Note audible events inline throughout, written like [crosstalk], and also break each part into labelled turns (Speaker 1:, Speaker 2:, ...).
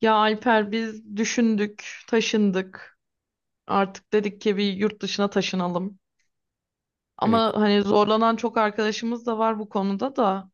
Speaker 1: Ya Alper biz düşündük, taşındık. Artık dedik ki bir yurt dışına taşınalım.
Speaker 2: E,
Speaker 1: Ama hani zorlanan çok arkadaşımız da var bu konuda da.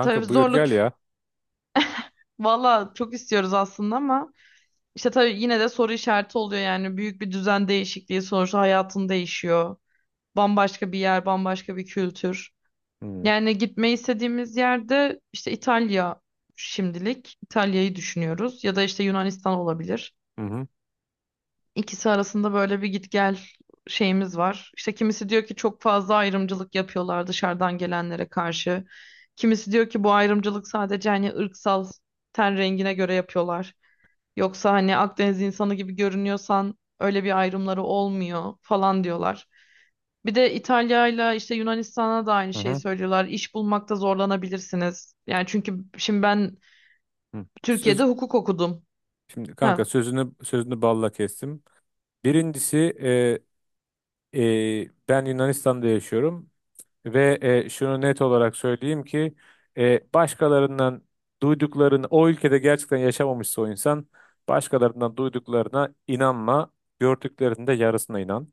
Speaker 1: Tabii
Speaker 2: buyur
Speaker 1: zorluk
Speaker 2: gel ya.
Speaker 1: valla çok istiyoruz aslında ama işte tabii yine de soru işareti oluyor yani büyük bir düzen değişikliği sonuçta hayatın değişiyor. Bambaşka bir yer, bambaşka bir kültür.
Speaker 2: Hı
Speaker 1: Yani gitmeyi istediğimiz yerde işte İtalya şimdilik. İtalya'yı düşünüyoruz ya da işte Yunanistan olabilir.
Speaker 2: hı hı
Speaker 1: İkisi arasında böyle bir git gel şeyimiz var. İşte kimisi diyor ki çok fazla ayrımcılık yapıyorlar dışarıdan gelenlere karşı. Kimisi diyor ki bu ayrımcılık sadece hani ırksal ten rengine göre yapıyorlar. Yoksa hani Akdeniz insanı gibi görünüyorsan öyle bir ayrımları olmuyor falan diyorlar. Bir de İtalya'yla işte Yunanistan'a da aynı
Speaker 2: hı.
Speaker 1: şeyi
Speaker 2: Hı.
Speaker 1: söylüyorlar. İş bulmakta zorlanabilirsiniz. Yani çünkü şimdi ben
Speaker 2: Hı. Söz
Speaker 1: Türkiye'de hukuk okudum.
Speaker 2: şimdi kanka
Speaker 1: Ha.
Speaker 2: sözünü balla kestim. Birincisi, e, ben Yunanistan'da yaşıyorum ve şunu net olarak söyleyeyim ki başkalarından duyduklarını o ülkede gerçekten yaşamamışsa o insan, başkalarından duyduklarına inanma, gördüklerinde yarısına inan.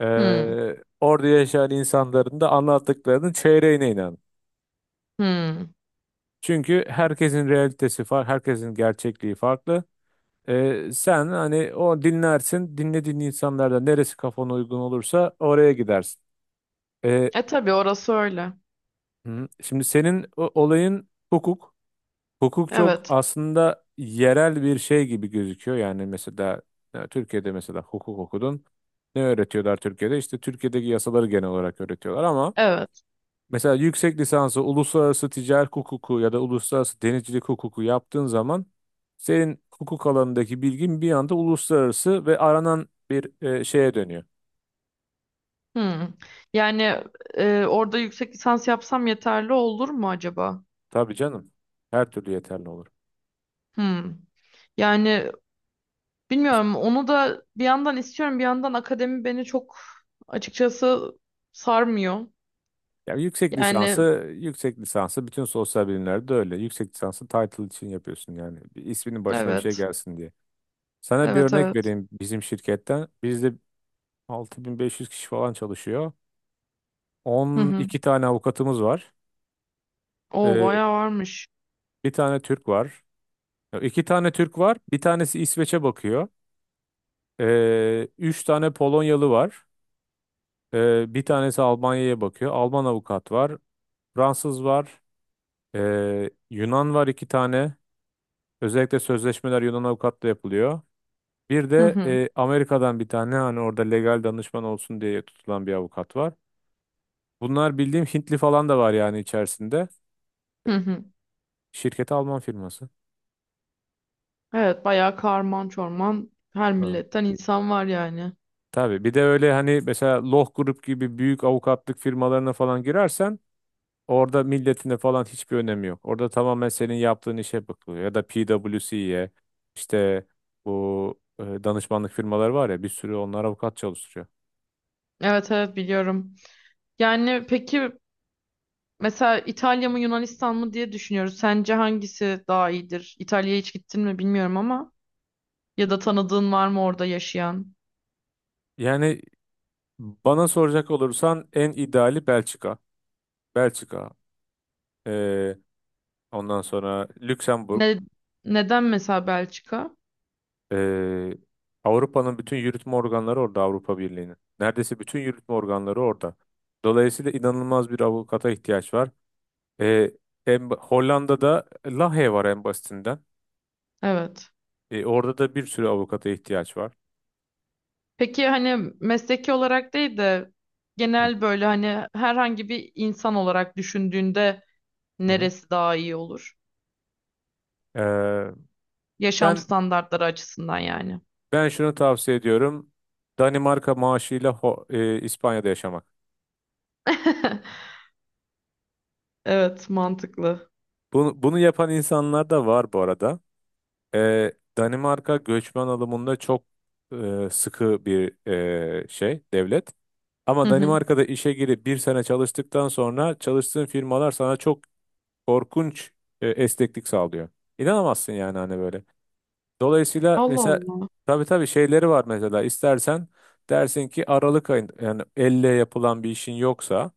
Speaker 2: E,
Speaker 1: Hmm.
Speaker 2: orada yaşayan insanların da anlattıklarının çeyreğine inan.
Speaker 1: Hmm.
Speaker 2: Çünkü herkesin realitesi farklı, herkesin gerçekliği farklı. Sen hani o dinlersin, dinlediğin insanlarda neresi kafana uygun olursa oraya gidersin. Ee,
Speaker 1: E tabii orası öyle.
Speaker 2: hı, şimdi senin olayın hukuk. Hukuk çok
Speaker 1: Evet.
Speaker 2: aslında yerel bir şey gibi gözüküyor. Yani mesela ya Türkiye'de mesela hukuk okudun. Ne öğretiyorlar Türkiye'de? İşte Türkiye'deki yasaları genel olarak öğretiyorlar ama
Speaker 1: Evet.
Speaker 2: mesela yüksek lisansı uluslararası ticaret hukuku ya da uluslararası denizcilik hukuku yaptığın zaman senin hukuk alanındaki bilgin bir anda uluslararası ve aranan bir şeye dönüyor.
Speaker 1: Hmm. Yani orada yüksek lisans yapsam yeterli olur mu acaba?
Speaker 2: Tabii canım. Her türlü yeterli olur.
Speaker 1: Hmm. Yani
Speaker 2: İşte-
Speaker 1: bilmiyorum. Onu da bir yandan istiyorum, bir yandan akademi beni çok açıkçası sarmıyor.
Speaker 2: Ya yüksek lisansı,
Speaker 1: Yani
Speaker 2: yüksek lisansı bütün sosyal bilimlerde öyle. Yüksek lisansı title için yapıyorsun yani. Bir isminin başına bir şey
Speaker 1: evet.
Speaker 2: gelsin diye. Sana bir
Speaker 1: Evet,
Speaker 2: örnek
Speaker 1: evet.
Speaker 2: vereyim bizim şirketten. Bizde 6.500 kişi falan çalışıyor.
Speaker 1: Hı hı.
Speaker 2: 12 tane avukatımız var.
Speaker 1: O
Speaker 2: Ee,
Speaker 1: bayağı varmış.
Speaker 2: bir tane Türk var. Ya İki tane Türk var. Bir tanesi İsveç'e bakıyor. Üç tane Polonyalı var. Bir tanesi Almanya'ya bakıyor. Alman avukat var. Fransız var. Yunan var iki tane. Özellikle sözleşmeler Yunan avukatla yapılıyor. Bir
Speaker 1: Hı
Speaker 2: de
Speaker 1: hı.
Speaker 2: Amerika'dan bir tane hani orada legal danışman olsun diye tutulan bir avukat var. Bunlar bildiğim Hintli falan da var yani içerisinde.
Speaker 1: Hı hı.
Speaker 2: Şirketi Alman firması.
Speaker 1: Evet, bayağı karman çorman her
Speaker 2: Ha.
Speaker 1: milletten insan var yani.
Speaker 2: Tabii bir de öyle hani mesela Loh Grup gibi büyük avukatlık firmalarına falan girersen, orada milletine falan hiçbir önemi yok. Orada tamamen senin yaptığın işe bakılıyor. Ya da PwC'ye işte bu danışmanlık firmaları var ya bir sürü onlar avukat çalıştırıyor.
Speaker 1: Evet, evet biliyorum. Yani peki, mesela İtalya mı Yunanistan mı diye düşünüyoruz. Sence hangisi daha iyidir? İtalya'ya hiç gittin mi bilmiyorum ama ya da tanıdığın var mı orada yaşayan?
Speaker 2: Yani bana soracak olursan en ideali Belçika. Belçika. e, ondan sonra Lüksemburg.
Speaker 1: Ne, neden mesela Belçika?
Speaker 2: e, Avrupa'nın bütün yürütme organları orada Avrupa Birliği'nin. Neredeyse bütün yürütme organları orada. Dolayısıyla inanılmaz bir avukata ihtiyaç var. E, Hollanda'da Lahey var en basitinden.
Speaker 1: Evet.
Speaker 2: Orada da bir sürü avukata ihtiyaç var.
Speaker 1: Peki hani mesleki olarak değil de
Speaker 2: Hı
Speaker 1: genel böyle hani herhangi bir insan olarak düşündüğünde
Speaker 2: hı. Hı.
Speaker 1: neresi daha iyi olur?
Speaker 2: Ee,
Speaker 1: Yaşam
Speaker 2: ben
Speaker 1: standartları açısından yani.
Speaker 2: ben şunu tavsiye ediyorum. Danimarka maaşıyla İspanya'da yaşamak.
Speaker 1: [laughs] Evet, mantıklı.
Speaker 2: Bunu yapan insanlar da var bu arada. Ee, Danimarka göçmen alımında çok sıkı bir devlet.
Speaker 1: Hı
Speaker 2: Ama
Speaker 1: hı.
Speaker 2: Danimarka'da işe girip bir sene çalıştıktan sonra çalıştığın firmalar sana çok korkunç esneklik sağlıyor. İnanamazsın yani hani böyle. Dolayısıyla
Speaker 1: Allah
Speaker 2: mesela
Speaker 1: Allah.
Speaker 2: tabii tabii şeyleri var mesela istersen dersin ki Aralık ayında yani elle yapılan bir işin yoksa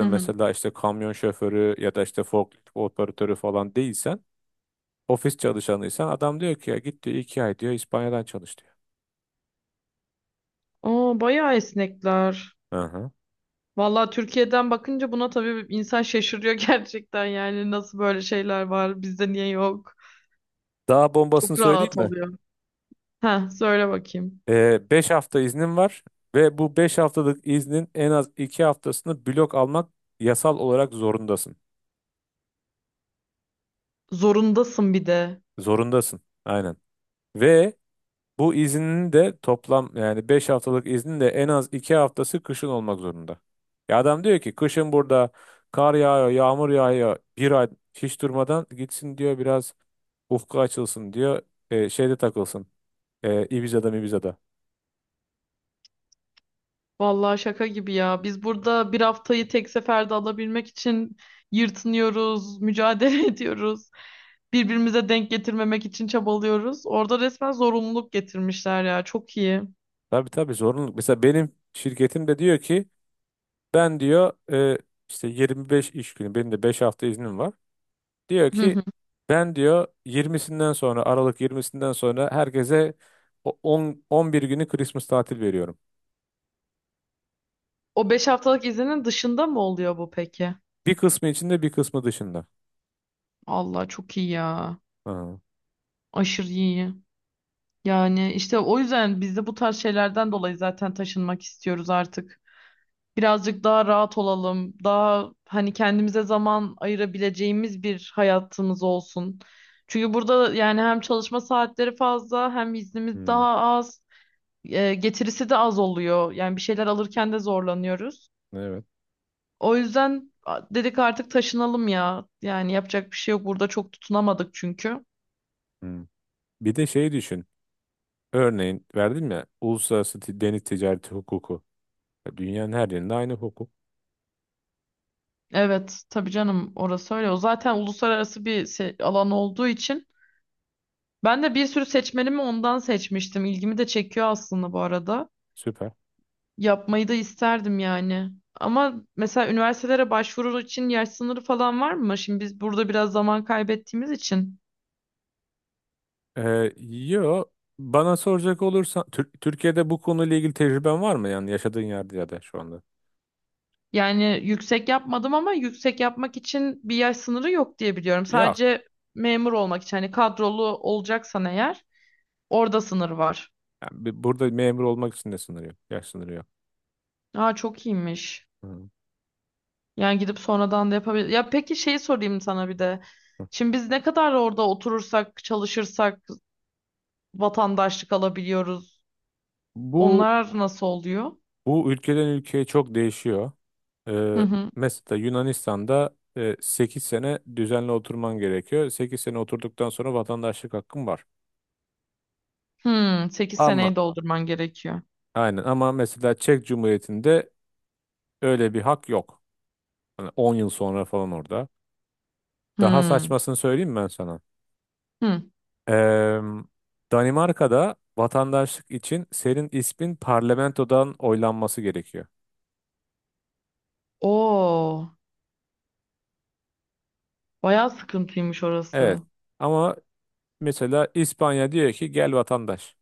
Speaker 1: Hı hı.
Speaker 2: mesela işte kamyon şoförü ya da işte forklift operatörü falan değilsen ofis çalışanıysan adam diyor ki ya git diyor 2 ay diyor İspanya'dan çalış diyor.
Speaker 1: Aa, bayağı esnekler.
Speaker 2: Hı hı.
Speaker 1: Vallahi Türkiye'den bakınca buna tabii insan şaşırıyor [laughs] gerçekten yani nasıl böyle şeyler var bizde niye yok.
Speaker 2: Daha bombasını
Speaker 1: Çok
Speaker 2: söyleyeyim
Speaker 1: rahat
Speaker 2: mi?
Speaker 1: oluyor. Ha söyle bakayım.
Speaker 2: 5 hafta iznim var ve bu 5 haftalık iznin en az 2 haftasını blok almak yasal olarak zorundasın.
Speaker 1: Zorundasın bir de.
Speaker 2: Zorundasın. Aynen. Ve bu iznin de toplam yani 5 haftalık iznin de en az 2 haftası kışın olmak zorunda. Ya adam diyor ki kışın burada kar yağıyor, yağmur yağıyor. Bir ay hiç durmadan gitsin diyor biraz ufku açılsın diyor. Şeyde takılsın. Ibiza'da Mibiza'da.
Speaker 1: Vallahi şaka gibi ya. Biz burada bir haftayı tek seferde alabilmek için yırtınıyoruz, mücadele [laughs] ediyoruz. Birbirimize denk getirmemek için çabalıyoruz. Orada resmen zorunluluk getirmişler ya. Çok iyi.
Speaker 2: Tabii tabii zorunluluk. Mesela benim şirketim de diyor ki ben diyor işte 25 iş günü benim de 5 hafta iznim var. Diyor ki
Speaker 1: [laughs]
Speaker 2: ben diyor 20'sinden sonra Aralık 20'sinden sonra herkese 10 11 günü Christmas tatil veriyorum.
Speaker 1: O 5 haftalık izinin dışında mı oluyor bu peki?
Speaker 2: Bir kısmı içinde bir kısmı dışında.
Speaker 1: Allah çok iyi ya.
Speaker 2: Aha.
Speaker 1: Aşırı iyi. Yani işte o yüzden biz de bu tarz şeylerden dolayı zaten taşınmak istiyoruz artık. Birazcık daha rahat olalım. Daha hani kendimize zaman ayırabileceğimiz bir hayatımız olsun. Çünkü burada yani hem çalışma saatleri fazla hem iznimiz
Speaker 2: Hmm,
Speaker 1: daha az. E, getirisi de az oluyor. Yani bir şeyler alırken de zorlanıyoruz.
Speaker 2: evet.
Speaker 1: O yüzden dedik artık taşınalım ya. Yani yapacak bir şey yok. Burada çok tutunamadık çünkü.
Speaker 2: Hmm. Bir de şey düşün. Örneğin verdim ya uluslararası deniz ticareti hukuku. Ya Dünyanın her yerinde aynı hukuk.
Speaker 1: Evet, tabii canım orası öyle. O zaten uluslararası bir alan olduğu için ben de bir sürü seçmenimi ondan seçmiştim. İlgimi de çekiyor aslında bu arada.
Speaker 2: Süper.
Speaker 1: Yapmayı da isterdim yani. Ama mesela üniversitelere başvuru için yaş sınırı falan var mı? Şimdi biz burada biraz zaman kaybettiğimiz için.
Speaker 2: Yo bana soracak olursan Türkiye'de bu konuyla ilgili tecrüben var mı yani yaşadığın yerde ya da şu anda?
Speaker 1: Yani yüksek yapmadım ama yüksek yapmak için bir yaş sınırı yok diye biliyorum.
Speaker 2: Yok.
Speaker 1: Sadece memur olmak için hani kadrolu olacaksan eğer orada sınır var.
Speaker 2: Yani burada memur olmak için de sınır yok. Yaş sınırı yok.
Speaker 1: Aa çok iyiymiş.
Speaker 2: Hmm.
Speaker 1: Yani gidip sonradan da yapabilir. Ya peki şeyi sorayım sana bir de. Şimdi biz ne kadar orada oturursak, çalışırsak vatandaşlık alabiliyoruz.
Speaker 2: Bu
Speaker 1: Onlar nasıl oluyor?
Speaker 2: bu ülkeden ülkeye çok değişiyor.
Speaker 1: Hı
Speaker 2: Ee,
Speaker 1: hı.
Speaker 2: mesela Yunanistan'da 8 sene düzenli oturman gerekiyor. 8 sene oturduktan sonra vatandaşlık hakkın var.
Speaker 1: Hmm, 8
Speaker 2: Ama
Speaker 1: seneyi doldurman gerekiyor.
Speaker 2: aynen ama mesela Çek Cumhuriyeti'nde öyle bir hak yok. Hani 10 yıl sonra falan orada. Daha
Speaker 1: Hmm.
Speaker 2: saçmasını söyleyeyim mi ben sana.
Speaker 1: Hmm.
Speaker 2: Ee, Danimarka'da vatandaşlık için senin ismin parlamentodan oylanması gerekiyor.
Speaker 1: Oo, bayağı sıkıntıymış
Speaker 2: Evet.
Speaker 1: orası.
Speaker 2: Ama mesela İspanya diyor ki gel vatandaş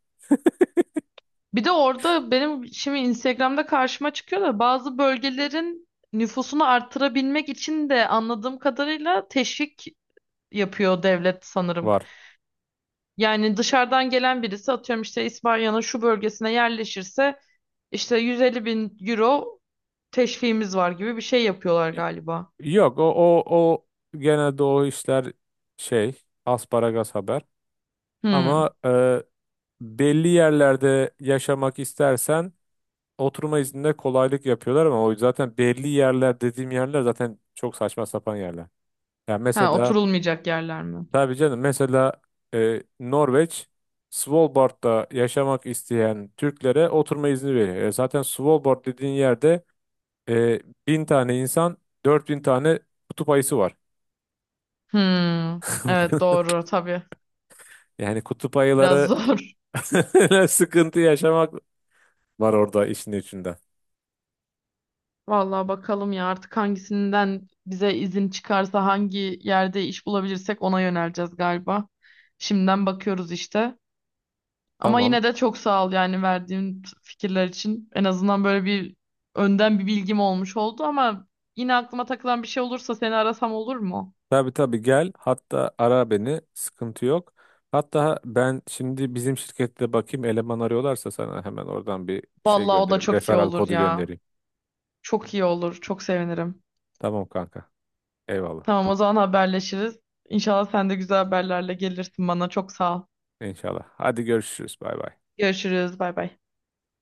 Speaker 1: Bir de orada benim şimdi Instagram'da karşıma çıkıyor da bazı bölgelerin nüfusunu artırabilmek için de anladığım kadarıyla teşvik yapıyor devlet sanırım.
Speaker 2: var.
Speaker 1: Yani dışarıdan gelen birisi atıyorum işte İspanya'nın şu bölgesine yerleşirse işte 150 bin euro teşviğimiz var gibi bir şey yapıyorlar galiba.
Speaker 2: Yok, o genelde o işler şey asparagas haber. Ama
Speaker 1: Hmm.
Speaker 2: belli yerlerde yaşamak istersen oturma izninde kolaylık yapıyorlar ama o zaten belli yerler dediğim yerler zaten çok saçma sapan yerler. Yani
Speaker 1: Ha
Speaker 2: mesela
Speaker 1: oturulmayacak yerler mi?
Speaker 2: tabii canım mesela Norveç Svalbard'da yaşamak isteyen Türklere oturma izni veriyor. Zaten Svalbard dediğin yerde e, 1.000 tane insan 4.000 tane kutup ayısı var.
Speaker 1: Hmm. Evet
Speaker 2: [laughs]
Speaker 1: doğru tabii.
Speaker 2: Yani kutup
Speaker 1: Biraz
Speaker 2: ayıları
Speaker 1: zor. [laughs]
Speaker 2: [laughs] sıkıntı yaşamak var orada işin içinde.
Speaker 1: Vallahi bakalım ya artık hangisinden bize izin çıkarsa hangi yerde iş bulabilirsek ona yöneleceğiz galiba. Şimdiden bakıyoruz işte. Ama
Speaker 2: Tamam.
Speaker 1: yine de çok sağ ol yani verdiğin fikirler için. En azından böyle bir önden bir bilgim olmuş oldu ama yine aklıma takılan bir şey olursa seni arasam olur mu?
Speaker 2: Tabii tabii gel. Hatta ara beni. Sıkıntı yok. Hatta ben şimdi bizim şirkette bakayım eleman arıyorlarsa sana hemen oradan bir şey
Speaker 1: Vallahi o da
Speaker 2: göndereyim.
Speaker 1: çok iyi
Speaker 2: Referral
Speaker 1: olur
Speaker 2: kodu
Speaker 1: ya.
Speaker 2: göndereyim.
Speaker 1: Çok iyi olur. Çok sevinirim.
Speaker 2: Tamam kanka. Eyvallah.
Speaker 1: Tamam o zaman haberleşiriz. İnşallah sen de güzel haberlerle gelirsin bana. Çok sağ ol.
Speaker 2: İnşallah. Hadi görüşürüz. Bay bay.
Speaker 1: Görüşürüz. Bay bay.